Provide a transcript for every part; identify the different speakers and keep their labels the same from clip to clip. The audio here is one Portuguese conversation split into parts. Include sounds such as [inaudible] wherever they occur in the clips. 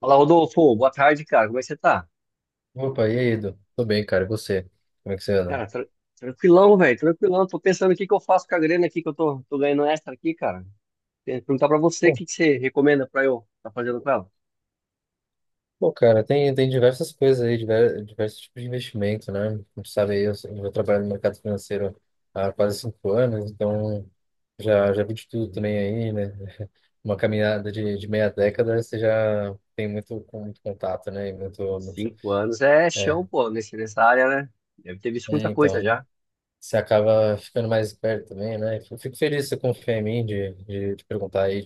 Speaker 1: Fala, Rodolfo. Boa tarde, cara. Como é que você tá?
Speaker 2: Opa, e aí, Edu? Tô bem, cara. E você? Como é que você anda?
Speaker 1: Cara, tranquilão, velho. Tranquilão. Tô pensando o que que eu faço com a grana aqui que eu tô ganhando extra aqui, cara. Queria perguntar pra você o
Speaker 2: Bom,
Speaker 1: que que você recomenda pra eu tá fazendo com ela.
Speaker 2: bom, cara, tem diversas coisas aí, diversos tipos de investimento, né? Como tu sabe aí, eu trabalho no mercado financeiro há quase 5 anos, então já vi de tudo também aí, né? [laughs] Uma caminhada de meia década, você já tem muito, com muito contato, né?
Speaker 1: 5 anos é chão,
Speaker 2: É,
Speaker 1: pô, nesse, nessa área, né? Deve ter visto muita
Speaker 2: é,
Speaker 1: coisa
Speaker 2: então,
Speaker 1: já.
Speaker 2: você acaba ficando mais esperto também, né? Eu fico feliz que você confia em mim de perguntar aí,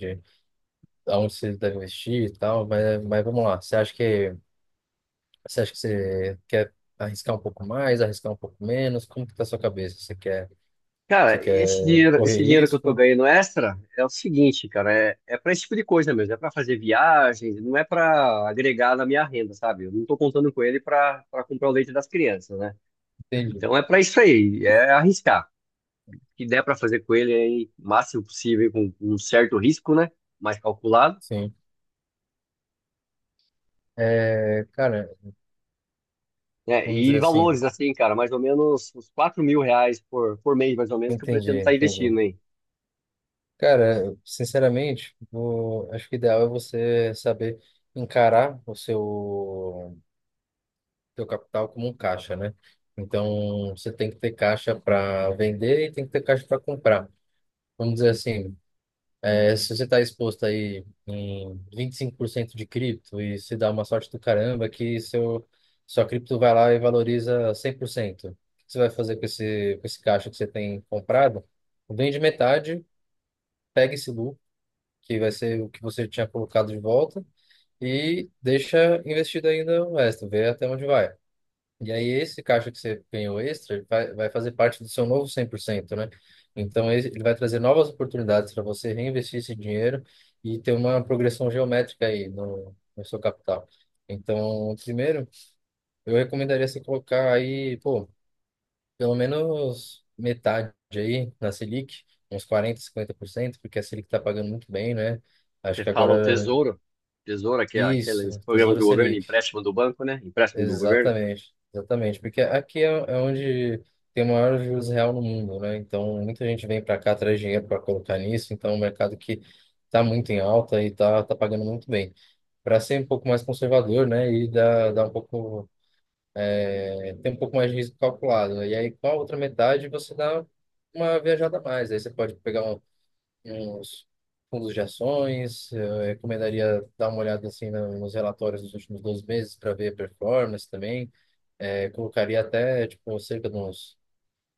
Speaker 2: aonde você deve investir e tal, mas vamos lá. Você acha que você quer arriscar um pouco mais, arriscar um pouco menos? Como que tá a sua cabeça? Você quer você
Speaker 1: Cara,
Speaker 2: quer
Speaker 1: esse dinheiro, esse
Speaker 2: correr
Speaker 1: dinheiro que eu tô
Speaker 2: risco?
Speaker 1: ganhando extra é o seguinte, cara, é para esse tipo de coisa mesmo, é para fazer viagens, não é para agregar na minha renda, sabe? Eu não tô contando com ele para comprar o leite das crianças, né?
Speaker 2: Entendi.
Speaker 1: Então é para isso aí, é arriscar. Que der para fazer com ele aí, o máximo possível, com um certo risco, né? Mais calculado,
Speaker 2: Sim. É, cara,
Speaker 1: né?
Speaker 2: vamos dizer
Speaker 1: E
Speaker 2: assim,
Speaker 1: valores, assim, cara, mais ou menos uns R$ 4.000 por mês, mais ou menos, que eu pretendo
Speaker 2: entendi,
Speaker 1: estar
Speaker 2: entendi.
Speaker 1: investindo, hein?
Speaker 2: Cara, sinceramente, acho que o ideal é você saber encarar o seu capital como um caixa, né? Então, você tem que ter caixa para vender e tem que ter caixa para comprar. Vamos dizer assim. É, se você está exposto aí em 25% de cripto e se dá uma sorte do caramba que sua cripto vai lá e valoriza 100%, o que você vai fazer com com esse caixa que você tem comprado? Vende metade, pega esse lucro, que vai ser o que você tinha colocado de volta, e deixa investido ainda o resto, vê até onde vai. E aí, esse caixa que você ganhou extra, ele vai fazer parte do seu novo 100%, né? Então, ele vai trazer novas oportunidades para você reinvestir esse dinheiro e ter uma progressão geométrica aí no seu capital. Então, primeiro, eu recomendaria você colocar aí, pô, pelo menos metade aí na Selic, uns 40-50%, porque a Selic está pagando muito bem, né? Acho
Speaker 1: Você
Speaker 2: que
Speaker 1: fala o
Speaker 2: agora.
Speaker 1: Tesouro, que é aqueles
Speaker 2: Isso,
Speaker 1: programas
Speaker 2: Tesouro
Speaker 1: do governo,
Speaker 2: Selic.
Speaker 1: empréstimo do banco, né? Empréstimo do governo,
Speaker 2: Exatamente, exatamente, porque aqui é onde tem o maior juros real no mundo, né? Então muita gente vem para cá, traz dinheiro para colocar nisso, então é um mercado que está muito em alta e está pagando muito bem. Para ser um pouco mais conservador, né? E dar dá um pouco, tem um pouco mais de risco calculado, né? E aí, com a outra metade, você dá uma viajada a mais. Aí você pode pegar uns fundos de ações. Eu recomendaria dar uma olhada assim nos relatórios dos últimos 12 meses para ver a performance também. É, colocaria até, tipo, cerca de uns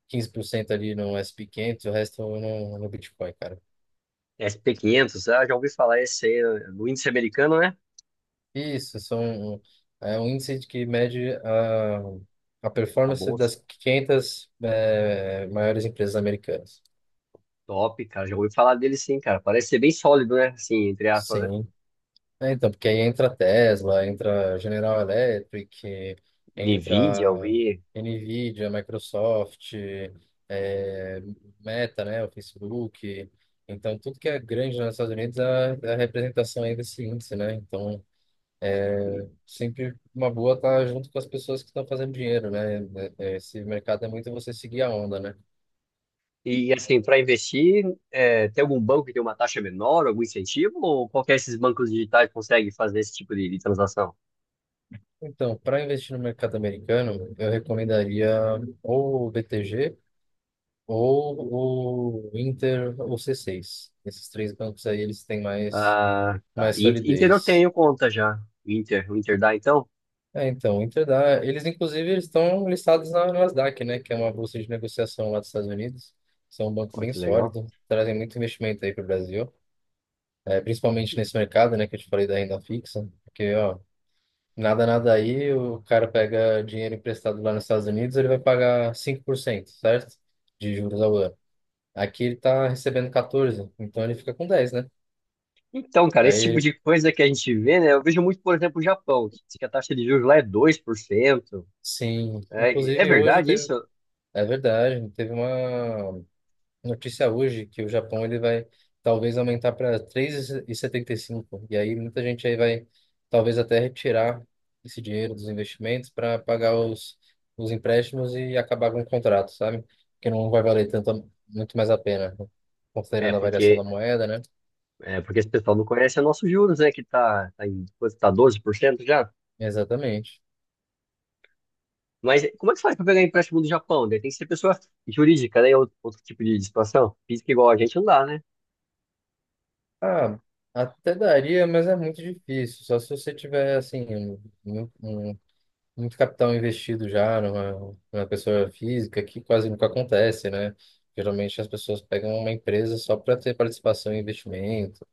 Speaker 2: 15% ali no S&P 500, e o resto no Bitcoin, cara.
Speaker 1: S&P 500, ah, já ouvi falar esse aí, do índice americano, né?
Speaker 2: Isso, é um índice de que mede a
Speaker 1: Tá
Speaker 2: performance
Speaker 1: bom,
Speaker 2: das 500 maiores empresas americanas.
Speaker 1: top, cara, já ouvi falar dele sim, cara, parece ser bem sólido, né? Assim, entre aspas, né?
Speaker 2: Sim. É, então, porque aí entra Tesla, entra General Electric,
Speaker 1: NVIDIA, eu
Speaker 2: entra
Speaker 1: vi.
Speaker 2: Nvidia, Microsoft, é, Meta, né, o Facebook. Então, tudo que é grande nos Estados Unidos é a representação aí desse índice, né? Então, é sempre uma boa estar junto com as pessoas que estão fazendo dinheiro, né? Esse mercado é muito você seguir a onda, né?
Speaker 1: E assim, para investir, é, tem algum banco que tem uma taxa menor, algum incentivo, ou qualquer desses bancos digitais consegue fazer esse tipo de transação?
Speaker 2: Então, para investir no mercado americano, eu recomendaria ou o BTG, ou o Inter, ou C6. Esses três bancos aí, eles têm
Speaker 1: Ah, tá.
Speaker 2: mais
Speaker 1: Inter eu
Speaker 2: solidez.
Speaker 1: tenho conta já. Inter, o Inter dá então?
Speaker 2: É, então, o Inter dá. Eles, inclusive, eles estão listados na Nasdaq, né? Que é uma bolsa de negociação lá dos Estados Unidos. São um banco
Speaker 1: Olha
Speaker 2: bem
Speaker 1: que legal.
Speaker 2: sólido, trazem muito investimento aí para o Brasil, é, principalmente nesse mercado, né? Que eu te falei da renda fixa. Porque, ó, nada aí, o cara pega dinheiro emprestado lá nos Estados Unidos, ele vai pagar 5%, certo? De juros ao ano. Aqui ele está recebendo 14, então ele fica com 10, né?
Speaker 1: Então, cara, esse tipo
Speaker 2: Aí
Speaker 1: de coisa que a gente vê, né? Eu vejo muito, por exemplo, o Japão, que diz que a taxa de juros lá é 2%.
Speaker 2: sim,
Speaker 1: É, e- é
Speaker 2: inclusive hoje
Speaker 1: verdade isso?
Speaker 2: teve, é verdade, teve uma notícia hoje que o Japão ele vai talvez aumentar para três e setenta e cinco. E aí muita gente aí vai talvez até retirar esse dinheiro dos investimentos para pagar os empréstimos e acabar com o contrato, sabe? Que não vai valer tanto, muito mais a pena, né?
Speaker 1: É,
Speaker 2: Considerando a variação
Speaker 1: porque,
Speaker 2: da moeda, né?
Speaker 1: é porque esse pessoal não conhece o nosso juros, né? Que tá em, quanto tá 12% já?
Speaker 2: Exatamente.
Speaker 1: Mas como é que faz para pegar empréstimo do Japão, né? Tem que ser pessoa jurídica, né? Outro tipo de situação. Física igual a gente não dá, né?
Speaker 2: Ah, até daria, mas é muito difícil. Só se você tiver, assim, um muito capital investido já numa pessoa física, que quase nunca acontece, né? Geralmente as pessoas pegam uma empresa só para ter participação em investimento.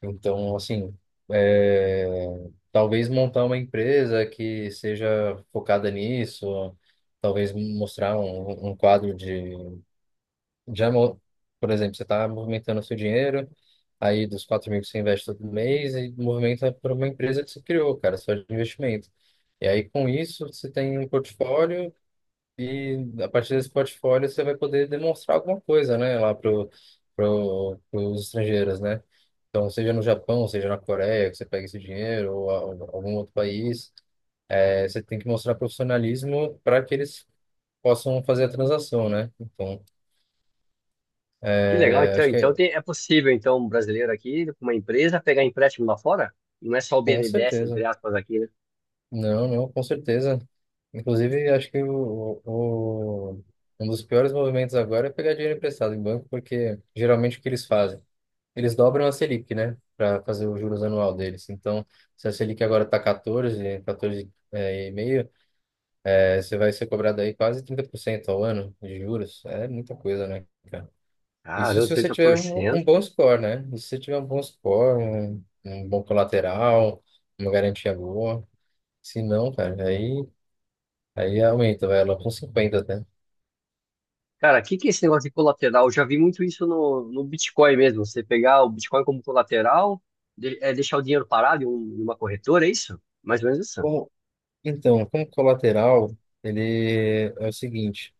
Speaker 2: Então, assim, é, talvez montar uma empresa que seja focada nisso, talvez mostrar um quadro de... Por exemplo, você está movimentando o seu dinheiro, aí dos 4 mil que você investe todo mês, e movimenta para uma empresa que você criou, cara, só de investimento. E aí, com isso, você tem um portfólio e, a partir desse portfólio, você vai poder demonstrar alguma coisa, né, lá pros estrangeiros, né? Então, seja no Japão, seja na Coreia, que você pega esse dinheiro, algum outro país, você tem que mostrar profissionalismo para que eles possam fazer a transação, né? Então,
Speaker 1: Que legal, então.
Speaker 2: acho que
Speaker 1: Então
Speaker 2: é,
Speaker 1: tem- é possível, então, um brasileiro aqui, com uma empresa, pegar empréstimo lá fora? Não é só o
Speaker 2: com
Speaker 1: BNDES, entre
Speaker 2: certeza.
Speaker 1: aspas, aqui, né?
Speaker 2: Não, não, com certeza. Inclusive, acho que um dos piores movimentos agora é pegar dinheiro emprestado em banco, porque geralmente o que eles fazem? Eles dobram a Selic, né? Para fazer o juros anual deles. Então, se a Selic agora está 14, 14 é, e meio, é, você vai ser cobrado aí quase 30% ao ano de juros. É muita coisa, né, cara? Isso
Speaker 1: Caramba,
Speaker 2: se você
Speaker 1: trinta
Speaker 2: tiver
Speaker 1: por
Speaker 2: um
Speaker 1: cento.
Speaker 2: bom score, né? E se você tiver um bom score, um bom colateral, uma garantia boa. Se não, cara, aí aumenta, vai lá com 50 até.
Speaker 1: Cara, o que que é esse negócio de colateral? Eu já vi muito isso no, no Bitcoin mesmo. Você pegar o Bitcoin como colateral, é deixar o dinheiro parado em uma corretora, é isso? Mais ou menos isso.
Speaker 2: Então, como colateral, ele é o seguinte: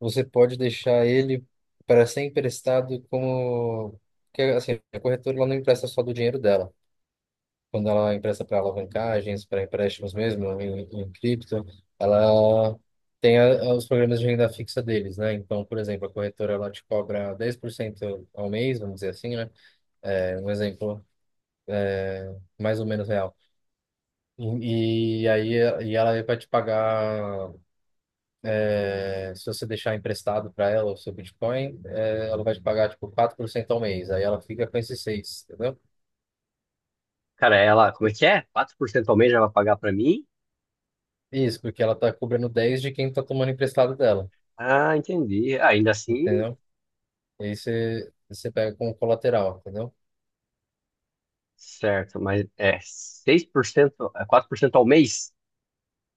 Speaker 2: você pode deixar ele para ser emprestado, como que assim, a corretora ela não empresta só do dinheiro dela. Quando ela empresta para alavancagens, para empréstimos mesmo em cripto, ela tem os programas de renda fixa deles, né? Então, por exemplo, a corretora ela te cobra 10% ao mês, vamos dizer assim, né? É um exemplo mais ou menos real. E, e aí e ela vai te pagar. Se você deixar emprestado para ela o seu Bitcoin, ela vai te pagar tipo 4% ao mês. Aí ela fica com esses seis, entendeu?
Speaker 1: Cara, ela, como é que é? 4% ao mês ela vai pagar para mim?
Speaker 2: Isso, porque ela tá cobrando 10 de quem tá tomando emprestado dela,
Speaker 1: Ah, entendi. Ah, ainda assim,
Speaker 2: entendeu? E aí você, você pega como colateral, entendeu?
Speaker 1: certo, mas é 6%, é 4% ao mês?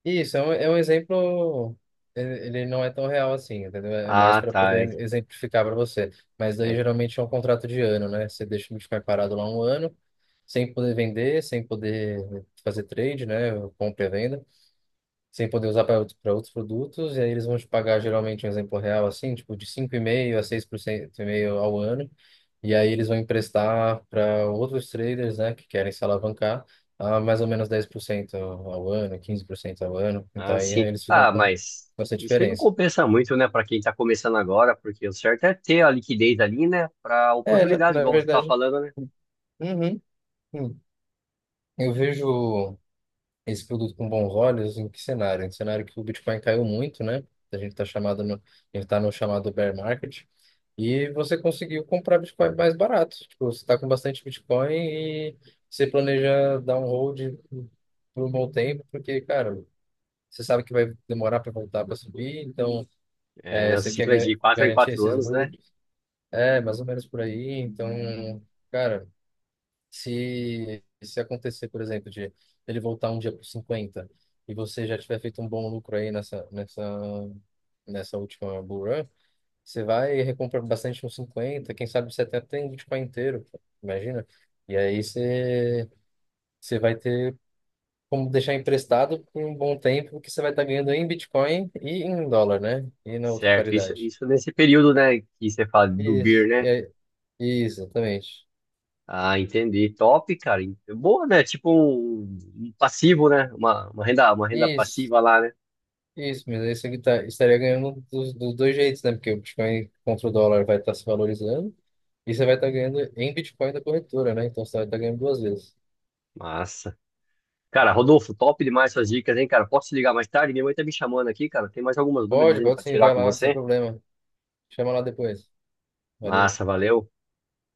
Speaker 2: Isso é um exemplo, ele não é tão real assim, entendeu? É mais
Speaker 1: Ah,
Speaker 2: para
Speaker 1: tá. É,
Speaker 2: poder exemplificar para você. Mas daí
Speaker 1: é-
Speaker 2: geralmente é um contrato de ano, né? Você deixa o Bitcoin parado lá um ano, sem poder vender, sem poder fazer trade, né? Compra e venda. Sem poder usar para pra outros produtos, e aí eles vão te pagar, geralmente um exemplo real, assim, tipo de 5,5% a 6% e meio ao ano, e aí eles vão emprestar para outros traders, né, que querem se alavancar, a mais ou menos 10% ao ano, 15% ao ano, então
Speaker 1: ah,
Speaker 2: aí
Speaker 1: sim.
Speaker 2: eles ficam
Speaker 1: Ah,
Speaker 2: com
Speaker 1: mas
Speaker 2: com essa
Speaker 1: isso aí não
Speaker 2: diferença.
Speaker 1: compensa muito, né, para quem está começando agora, porque o certo é ter a liquidez ali, né, para
Speaker 2: É,
Speaker 1: oportunidades,
Speaker 2: na
Speaker 1: igual você está
Speaker 2: verdade,
Speaker 1: falando, né?
Speaker 2: uhum, hum. Eu vejo esse produto com bons olhos em que cenário? Em cenário que o Bitcoin caiu muito, né? A gente tá no chamado bear market. E você conseguiu comprar Bitcoin mais barato. Tipo, você está com bastante Bitcoin e você planeja dar um hold por um bom tempo, porque, cara, você sabe que vai demorar para voltar para subir, então
Speaker 1: É,
Speaker 2: é,
Speaker 1: nessa
Speaker 2: você quer
Speaker 1: ciclo é de 4 em
Speaker 2: garantir
Speaker 1: 4
Speaker 2: esses
Speaker 1: anos, né?
Speaker 2: holds. É, mais ou menos por aí. Então, cara, se acontecer, por exemplo, de ele voltar um dia para 50 e você já tiver feito um bom lucro aí nessa última bull run, você vai e recompra bastante uns 50, quem sabe você até tem Bitcoin inteiro, pô, imagina. E aí você, você vai ter como deixar emprestado por um bom tempo, que você vai estar ganhando em Bitcoin e em dólar, né? E na outra
Speaker 1: Certo, isso,
Speaker 2: paridade.
Speaker 1: isso nesse período, né, que você fala do BIR,
Speaker 2: Isso, e
Speaker 1: né?
Speaker 2: aí- isso, exatamente.
Speaker 1: Ah, entendi. Top, cara. Boa, né? Tipo um passivo, né? Uma renda, uma renda,
Speaker 2: Isso,
Speaker 1: passiva lá, né?
Speaker 2: isso, mas aí você estaria ganhando dos dois jeitos, né? Porque o Bitcoin contra o dólar vai estar se valorizando e você vai estar ganhando em Bitcoin da corretora, né? Então você vai estar ganhando duas vezes.
Speaker 1: Massa. Cara, Rodolfo, top demais essas dicas, hein, cara? Posso te ligar mais tarde? Minha mãe tá me chamando aqui, cara. Tem mais algumas dúvidas
Speaker 2: Pode,
Speaker 1: ainda
Speaker 2: pode
Speaker 1: pra
Speaker 2: sim,
Speaker 1: tirar
Speaker 2: vai
Speaker 1: com
Speaker 2: lá, sem
Speaker 1: você?
Speaker 2: problema. Chama lá depois. Valeu.
Speaker 1: Massa, valeu.